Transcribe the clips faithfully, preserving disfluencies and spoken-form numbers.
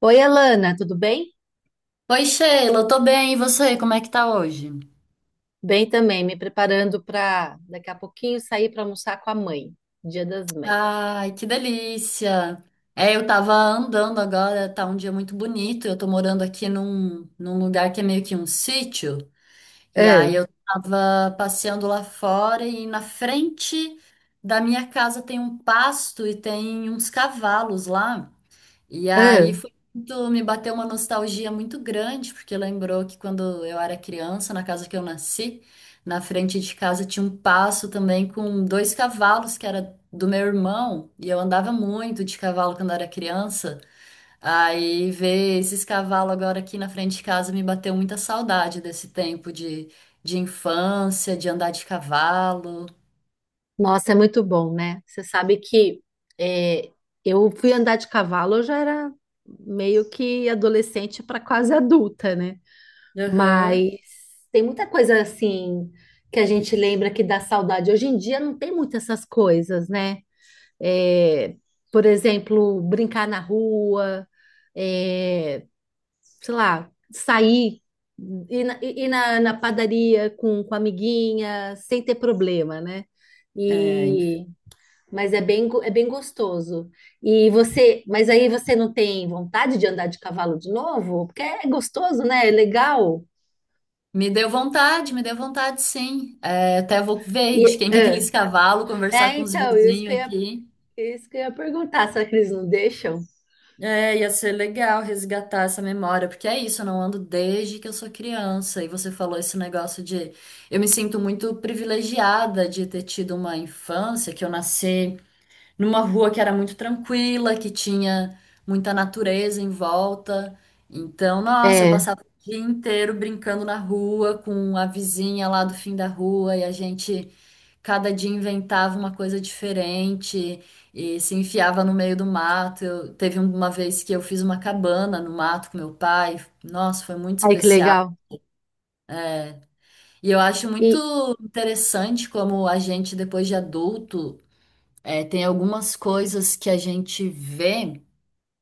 Oi, Alana, tudo bem? Oi, Sheila, tô bem, e você? Como é que tá hoje? Bem também, me preparando para daqui a pouquinho sair para almoçar com a mãe, Dia das Mães. Ai, que delícia! É, eu tava andando agora, tá um dia muito bonito. Eu tô morando aqui num, num lugar que é meio que um sítio, e Ah, aí eu tava passeando lá fora e na frente da minha casa tem um pasto e tem uns cavalos lá. E ah, aí foi muito, me bateu uma nostalgia muito grande, porque lembrou que quando eu era criança, na casa que eu nasci, na frente de casa tinha um passo também com dois cavalos que era do meu irmão, e eu andava muito de cavalo quando era criança. Aí ver esses cavalos agora aqui na frente de casa me bateu muita saudade desse tempo de, de infância, de andar de cavalo. nossa, é muito bom, né? Você sabe que é, eu fui andar de cavalo, eu já era meio que adolescente para quase adulta, né? Aham. Mas tem muita coisa assim que a gente lembra que dá saudade. Hoje em dia não tem muitas essas coisas, né? É, por exemplo, brincar na rua. é, Sei lá, sair, ir na, ir na, na padaria com, com a amiguinha, sem ter problema, né? É, E, mas é bem, go- é bem gostoso. E você, mas aí você não tem vontade de andar de cavalo de novo? Porque é gostoso, né? É legal. me deu vontade, me deu vontade, sim. É, até vou ver de E, quem que é aqueles cavalos, conversar ah, É, com os então, isso que vizinhos eu ia, aqui. isso que eu ia perguntar, será que eles não deixam? É, ia ser legal resgatar essa memória, porque é isso, eu não ando desde que eu sou criança. E você falou esse negócio de eu me sinto muito privilegiada de ter tido uma infância, que eu nasci numa rua que era muito tranquila, que tinha muita natureza em volta. Então, nossa, eu É, passava o dia inteiro brincando na rua com a vizinha lá do fim da rua e a gente cada dia inventava uma coisa diferente e se enfiava no meio do mato. Eu, teve uma vez que eu fiz uma cabana no mato com meu pai. Nossa, foi muito ai que especial. legal. E eu acho muito E interessante como a gente, depois de adulto, eh, tem algumas coisas que a gente vê,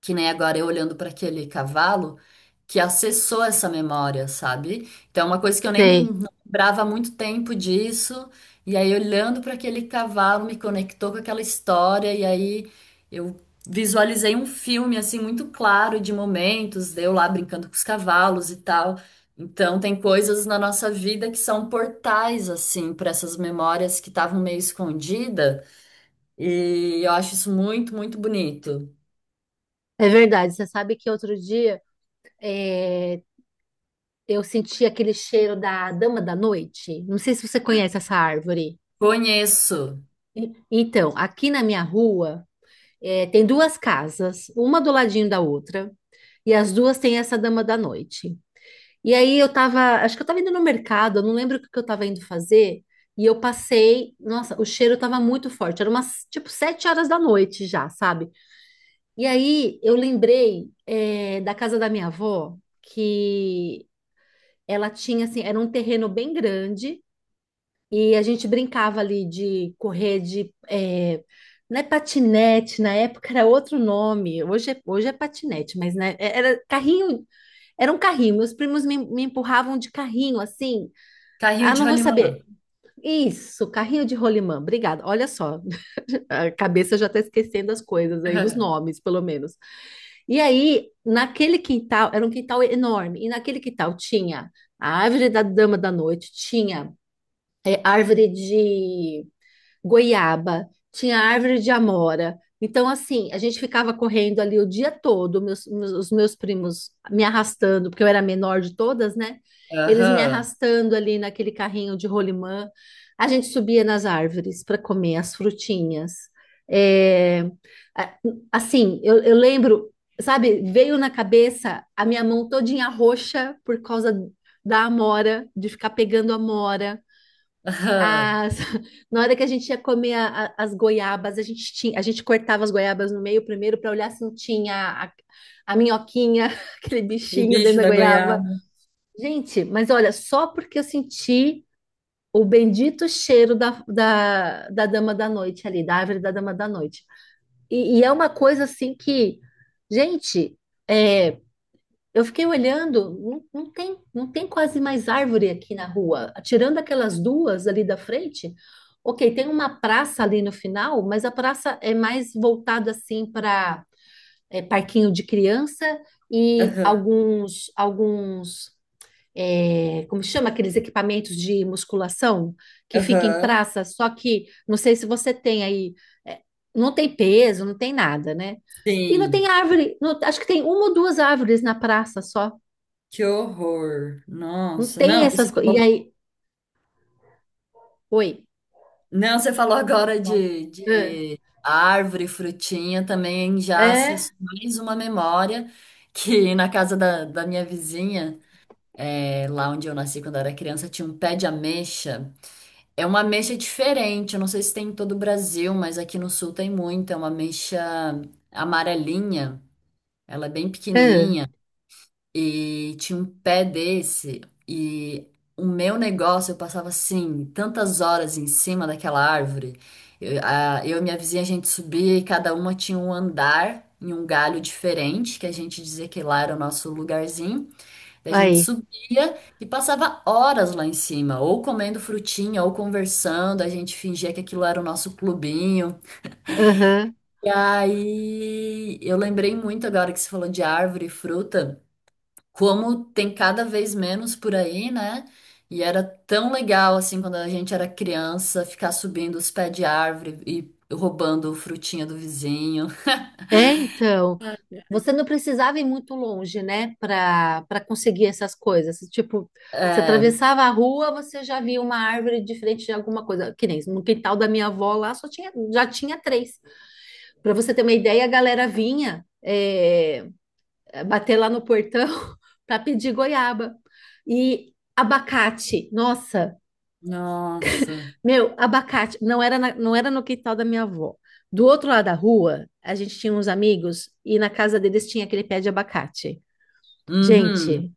que nem agora eu olhando para aquele cavalo que acessou essa memória, sabe? Então é uma coisa que eu nem sei, não lembrava há muito tempo disso, e aí olhando para aquele cavalo me conectou com aquela história e aí eu visualizei um filme assim muito claro de momentos, de eu lá brincando com os cavalos e tal. Então tem coisas na nossa vida que são portais assim para essas memórias que estavam meio escondidas, e eu acho isso muito, muito bonito. É verdade. Você sabe que outro dia é, eu senti aquele cheiro da dama da noite. Não sei se você conhece essa árvore. Conheço. E- Então, aqui na minha rua, eh, tem duas casas, uma do ladinho da outra, e as duas têm essa dama da noite. E aí eu tava, acho que eu tava indo no mercado, eu não lembro o que que eu tava indo fazer, e eu passei, nossa, o cheiro tava muito forte, era umas, tipo, sete horas da noite já, sabe? E aí eu lembrei, eh, da casa da minha avó, que ela tinha, assim, era um terreno bem grande. E a gente brincava ali de correr de. Eh, não é patinete, na época era outro nome, hoje é, hoje é patinete, mas né, é, era carrinho, era um carrinho. Meus primos me, me empurravam de carrinho, assim. Carrinho Ah, de não vou rolimã. saber. Isso, carrinho de rolimã, obrigada. Olha só, a cabeça já está esquecendo as coisas aí, os Aham. nomes, pelo menos. E aí, naquele quintal, era um quintal enorme, e naquele quintal tinha a árvore da dama da noite, tinha eh, árvore de goiaba, tinha árvore de amora. Então, assim, a gente ficava correndo ali o dia todo, meus- meus- os meus primos me arrastando, porque eu era a menor de todas, né? Eles me Aham. arrastando ali naquele carrinho de rolimã. A gente subia nas árvores para comer as frutinhas. É, a- assim, eu, eu lembro, sabe, veio na cabeça a minha mão todinha roxa por causa da amora, de ficar pegando amora. Aham. As, Na hora que a gente ia comer a- a- as goiabas, a gente tinha, a gente cortava as goiabas no meio primeiro para olhar se não tinha a, a minhoquinha, aquele O bichinho dentro bicho da da goiaba. goiaba. Gente, mas olha, só porque eu senti o bendito cheiro da, da, da dama da noite ali, da árvore da dama da noite. E, e é uma coisa assim que, gente, é, eu fiquei olhando, não, não tem, não tem quase mais árvore aqui na rua. Tirando aquelas duas ali da frente, ok, tem uma praça ali no final, mas a praça é mais voltada assim para parquinho de criança e Aham. alguns, alguns, é, como chama aqueles equipamentos de musculação que fica em Aham. praça. Só que não sei se você tem aí, é, não tem peso, não tem nada, né? E não tem Sim. árvore, não- acho que tem uma ou duas árvores na praça só. Que horror. Não Nossa. tem Não, essas você coisas. E falou. aí, oi. Não, você falou agora Pode. de, Ah, de árvore, frutinha, também já É, acessou mais uma memória, que na casa da, da minha vizinha, é, lá onde eu nasci quando eu era criança, tinha um pé de ameixa. É uma ameixa diferente, eu não sei se tem em todo o Brasil, mas aqui no sul tem muito. É uma ameixa amarelinha. Ela é bem ah, pequenininha e tinha um pé desse e o meu negócio, eu passava assim tantas horas em cima daquela árvore. Eu, a- eu e minha vizinha, a gente subia e cada uma tinha um andar em um galho diferente, que a gente dizia que lá era o nosso lugarzinho. Daí a gente aí, subia e passava horas lá em cima, ou comendo frutinha, ou conversando, a gente fingia que aquilo era o nosso clubinho. aham. E aí eu lembrei muito agora que você falou de árvore e fruta como tem cada vez menos por aí, né? E era tão legal assim quando a gente era criança ficar subindo os pés de árvore e roubando frutinha do vizinho. É, então, você não precisava ir muito longe, né, para para conseguir essas coisas. Tipo, você É. atravessava a rua, você já via uma árvore de frente de alguma coisa. Que nem no quintal da minha avó lá, só tinha, já tinha três. Para você ter uma ideia, a galera vinha é, bater lá no portão para pedir goiaba e abacate. Nossa. Nossa. Meu, abacate não era, na- não era no quintal da minha avó. Do outro lado da rua, a gente tinha uns amigos e na casa deles tinha aquele pé de abacate. Uhum. Gente,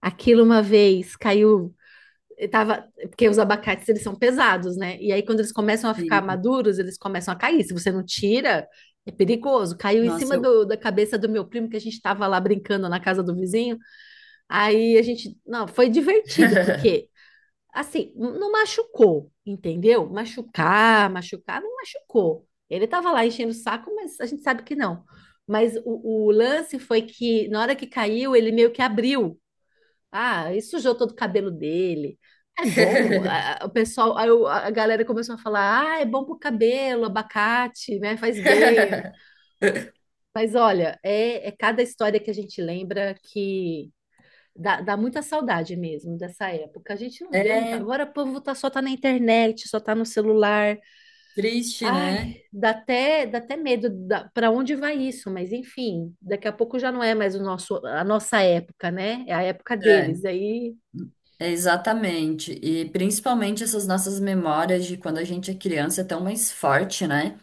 aquilo uma vez caiu, eu tava, porque os abacates eles são pesados, né? E aí quando eles começam a ficar Sim. maduros, eles começam a cair. Se você não tira, é perigoso. Caiu em Nossa, cima eu do- da cabeça do meu primo que a gente estava lá brincando na casa do vizinho. Aí a gente, não, foi divertido porque assim, não machucou, entendeu? Machucar, machucar, não machucou. Ele estava lá enchendo o saco, mas a gente sabe que não. Mas o, o lance foi que na hora que caiu, ele meio que abriu. Ah, e sujou todo o cabelo dele. É bom, a- a- o pessoal, aí o- a galera começou a falar, ah, é bom pro cabelo, abacate, né? Faz bem. Mas olha, é, é cada história que a gente lembra. Dá, dá muita saudade mesmo dessa época. A gente não vê muito. é Agora o povo tá, só tá na internet, só tá no celular. triste, Ai, né? Dá até, dá até medo da, para onde vai isso, mas enfim, daqui a pouco já não é mais o nosso, a nossa época, né? É a época É, deles. Aí é exatamente. E principalmente essas nossas memórias de quando a gente é criança é tão mais forte, né?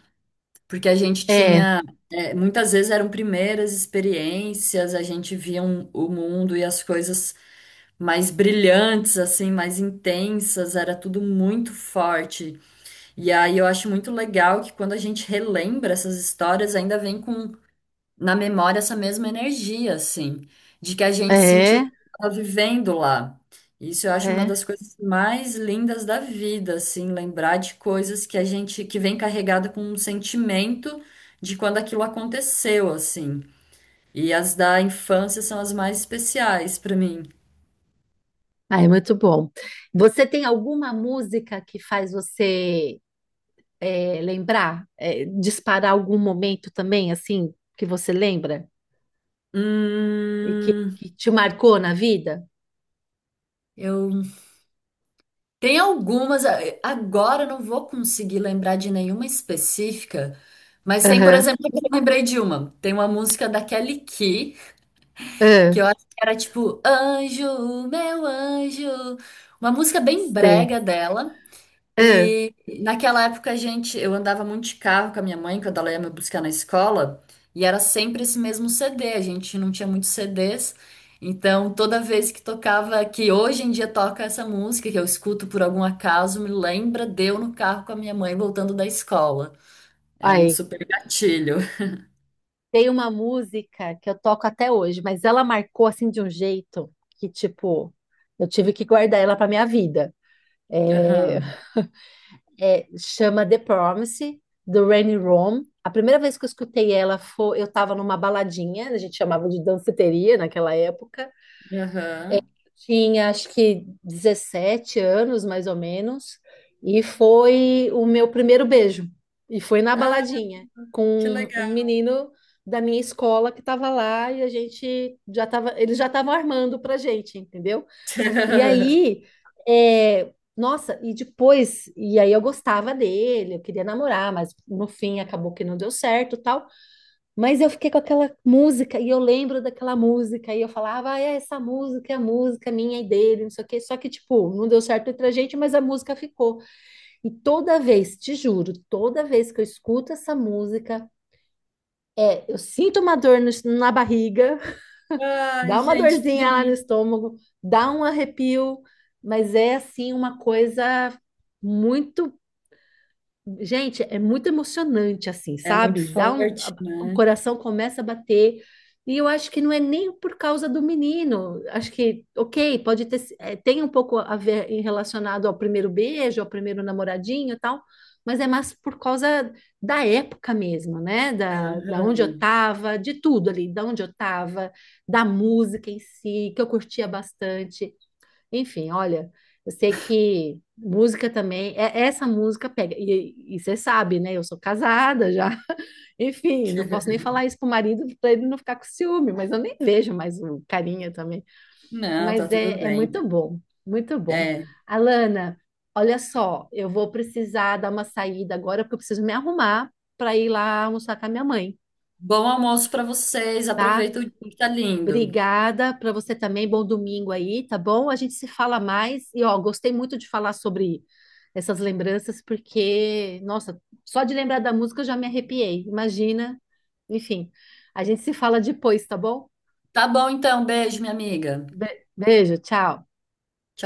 Porque a gente é, tinha, é, muitas vezes eram primeiras experiências, a gente via um- o mundo e as coisas mais brilhantes, assim, mais intensas, era tudo muito forte. E aí eu acho muito legal que quando a gente relembra essas histórias, ainda vem com na memória essa mesma energia, assim, de que a gente sentiu é, que estava vivendo lá. Isso eu acho uma é. das coisas mais lindas da vida, assim, lembrar de coisas que a gente que vem carregada com um sentimento de quando aquilo aconteceu, assim. E as da infância são as mais especiais para mim. Ai, muito bom. Você tem alguma música que faz você é, lembrar, é, disparar algum momento também, assim, que você lembra e que, Hum, que te marcou na vida? eu tem algumas, a- agora eu não vou conseguir lembrar de nenhuma específica, mas tem, por Aham. exemplo, que eu lembrei de uma. Tem uma música da Kelly Key, Ah, que eu acho que era tipo Anjo, Meu Anjo. Uma música bem sei. brega dela. Ah, E naquela época a gente, eu andava muito de carro com a minha mãe quando ela ia me buscar na escola, e era sempre esse mesmo C D, a gente não tinha muitos C Ds. Então, toda vez que tocava, que hoje em dia toca essa música que eu escuto por algum acaso, me lembra de eu no carro com a minha mãe voltando da escola. É um aí. super gatilho. Tem uma música que eu toco até hoje, mas ela marcou assim de um jeito que, tipo, eu tive que guardar ela pra minha vida. É, Aham. É- chama The Promise, do Randy Rome. A primeira vez que eu escutei ela foi, eu tava numa baladinha, a gente chamava de danceteria naquela época. Aham. Tinha acho que dezessete anos, mais ou menos, e foi o meu primeiro beijo. E foi na Ah, baladinha, que com legal. um menino da minha escola que estava lá e a gente já tava, eles já estavam armando pra gente, entendeu? E aí, é, Nossa, e depois, e aí eu gostava dele, eu queria namorar, mas no fim acabou que não deu certo, tal. Mas eu fiquei com aquela música e eu lembro daquela música e eu falava, ah, é essa música é a música minha e dele, não sei o quê. Só que, tipo, não deu certo entre a gente, mas a música ficou. E toda vez, te juro, toda vez que eu escuto essa música, eu sinto uma dor no- na barriga, Ai, dá uma gente, que dorzinha lá no bonito. estômago, dá um arrepio, mas é assim uma coisa muito. Gente, é muito emocionante, assim, É muito sabe? Dá um, forte, a- O né? coração começa a bater. E eu acho que não é nem por causa do menino. Acho que, ok, pode ter, si- eh, tem um pouco a ver em relacionado ao primeiro beijo, ao primeiro namoradinho e tal, mas é mais por causa da época mesmo, né? Da, da onde eu Aham. tava, de tudo ali, da onde eu tava, da música em si, que eu curtia bastante. Enfim, olha, eu sei que música também, é- essa música pega, e, e você sabe, né? Eu sou casada já. Enfim, não posso nem falar isso pro marido para ele não ficar com ciúme, mas eu nem vejo mais o carinha também. Não, tá Mas tudo é, é bem. muito bom, muito bom. É. Alana, olha só, eu vou precisar dar uma saída agora porque eu preciso me arrumar para ir lá almoçar com a minha mãe, Bom almoço para vocês. tá? Aproveita o dia E que tá lindo. Obrigada para você também. Bom domingo aí, tá bom? A gente se fala mais. E ó, gostei muito de falar sobre essas lembranças, porque, nossa, só de lembrar da música eu já me arrepiei. Imagina. Enfim, a gente se fala depois, tá bom? Tá bom, então. Beijo, minha amiga. Be- Beijo, tchau. Tchau.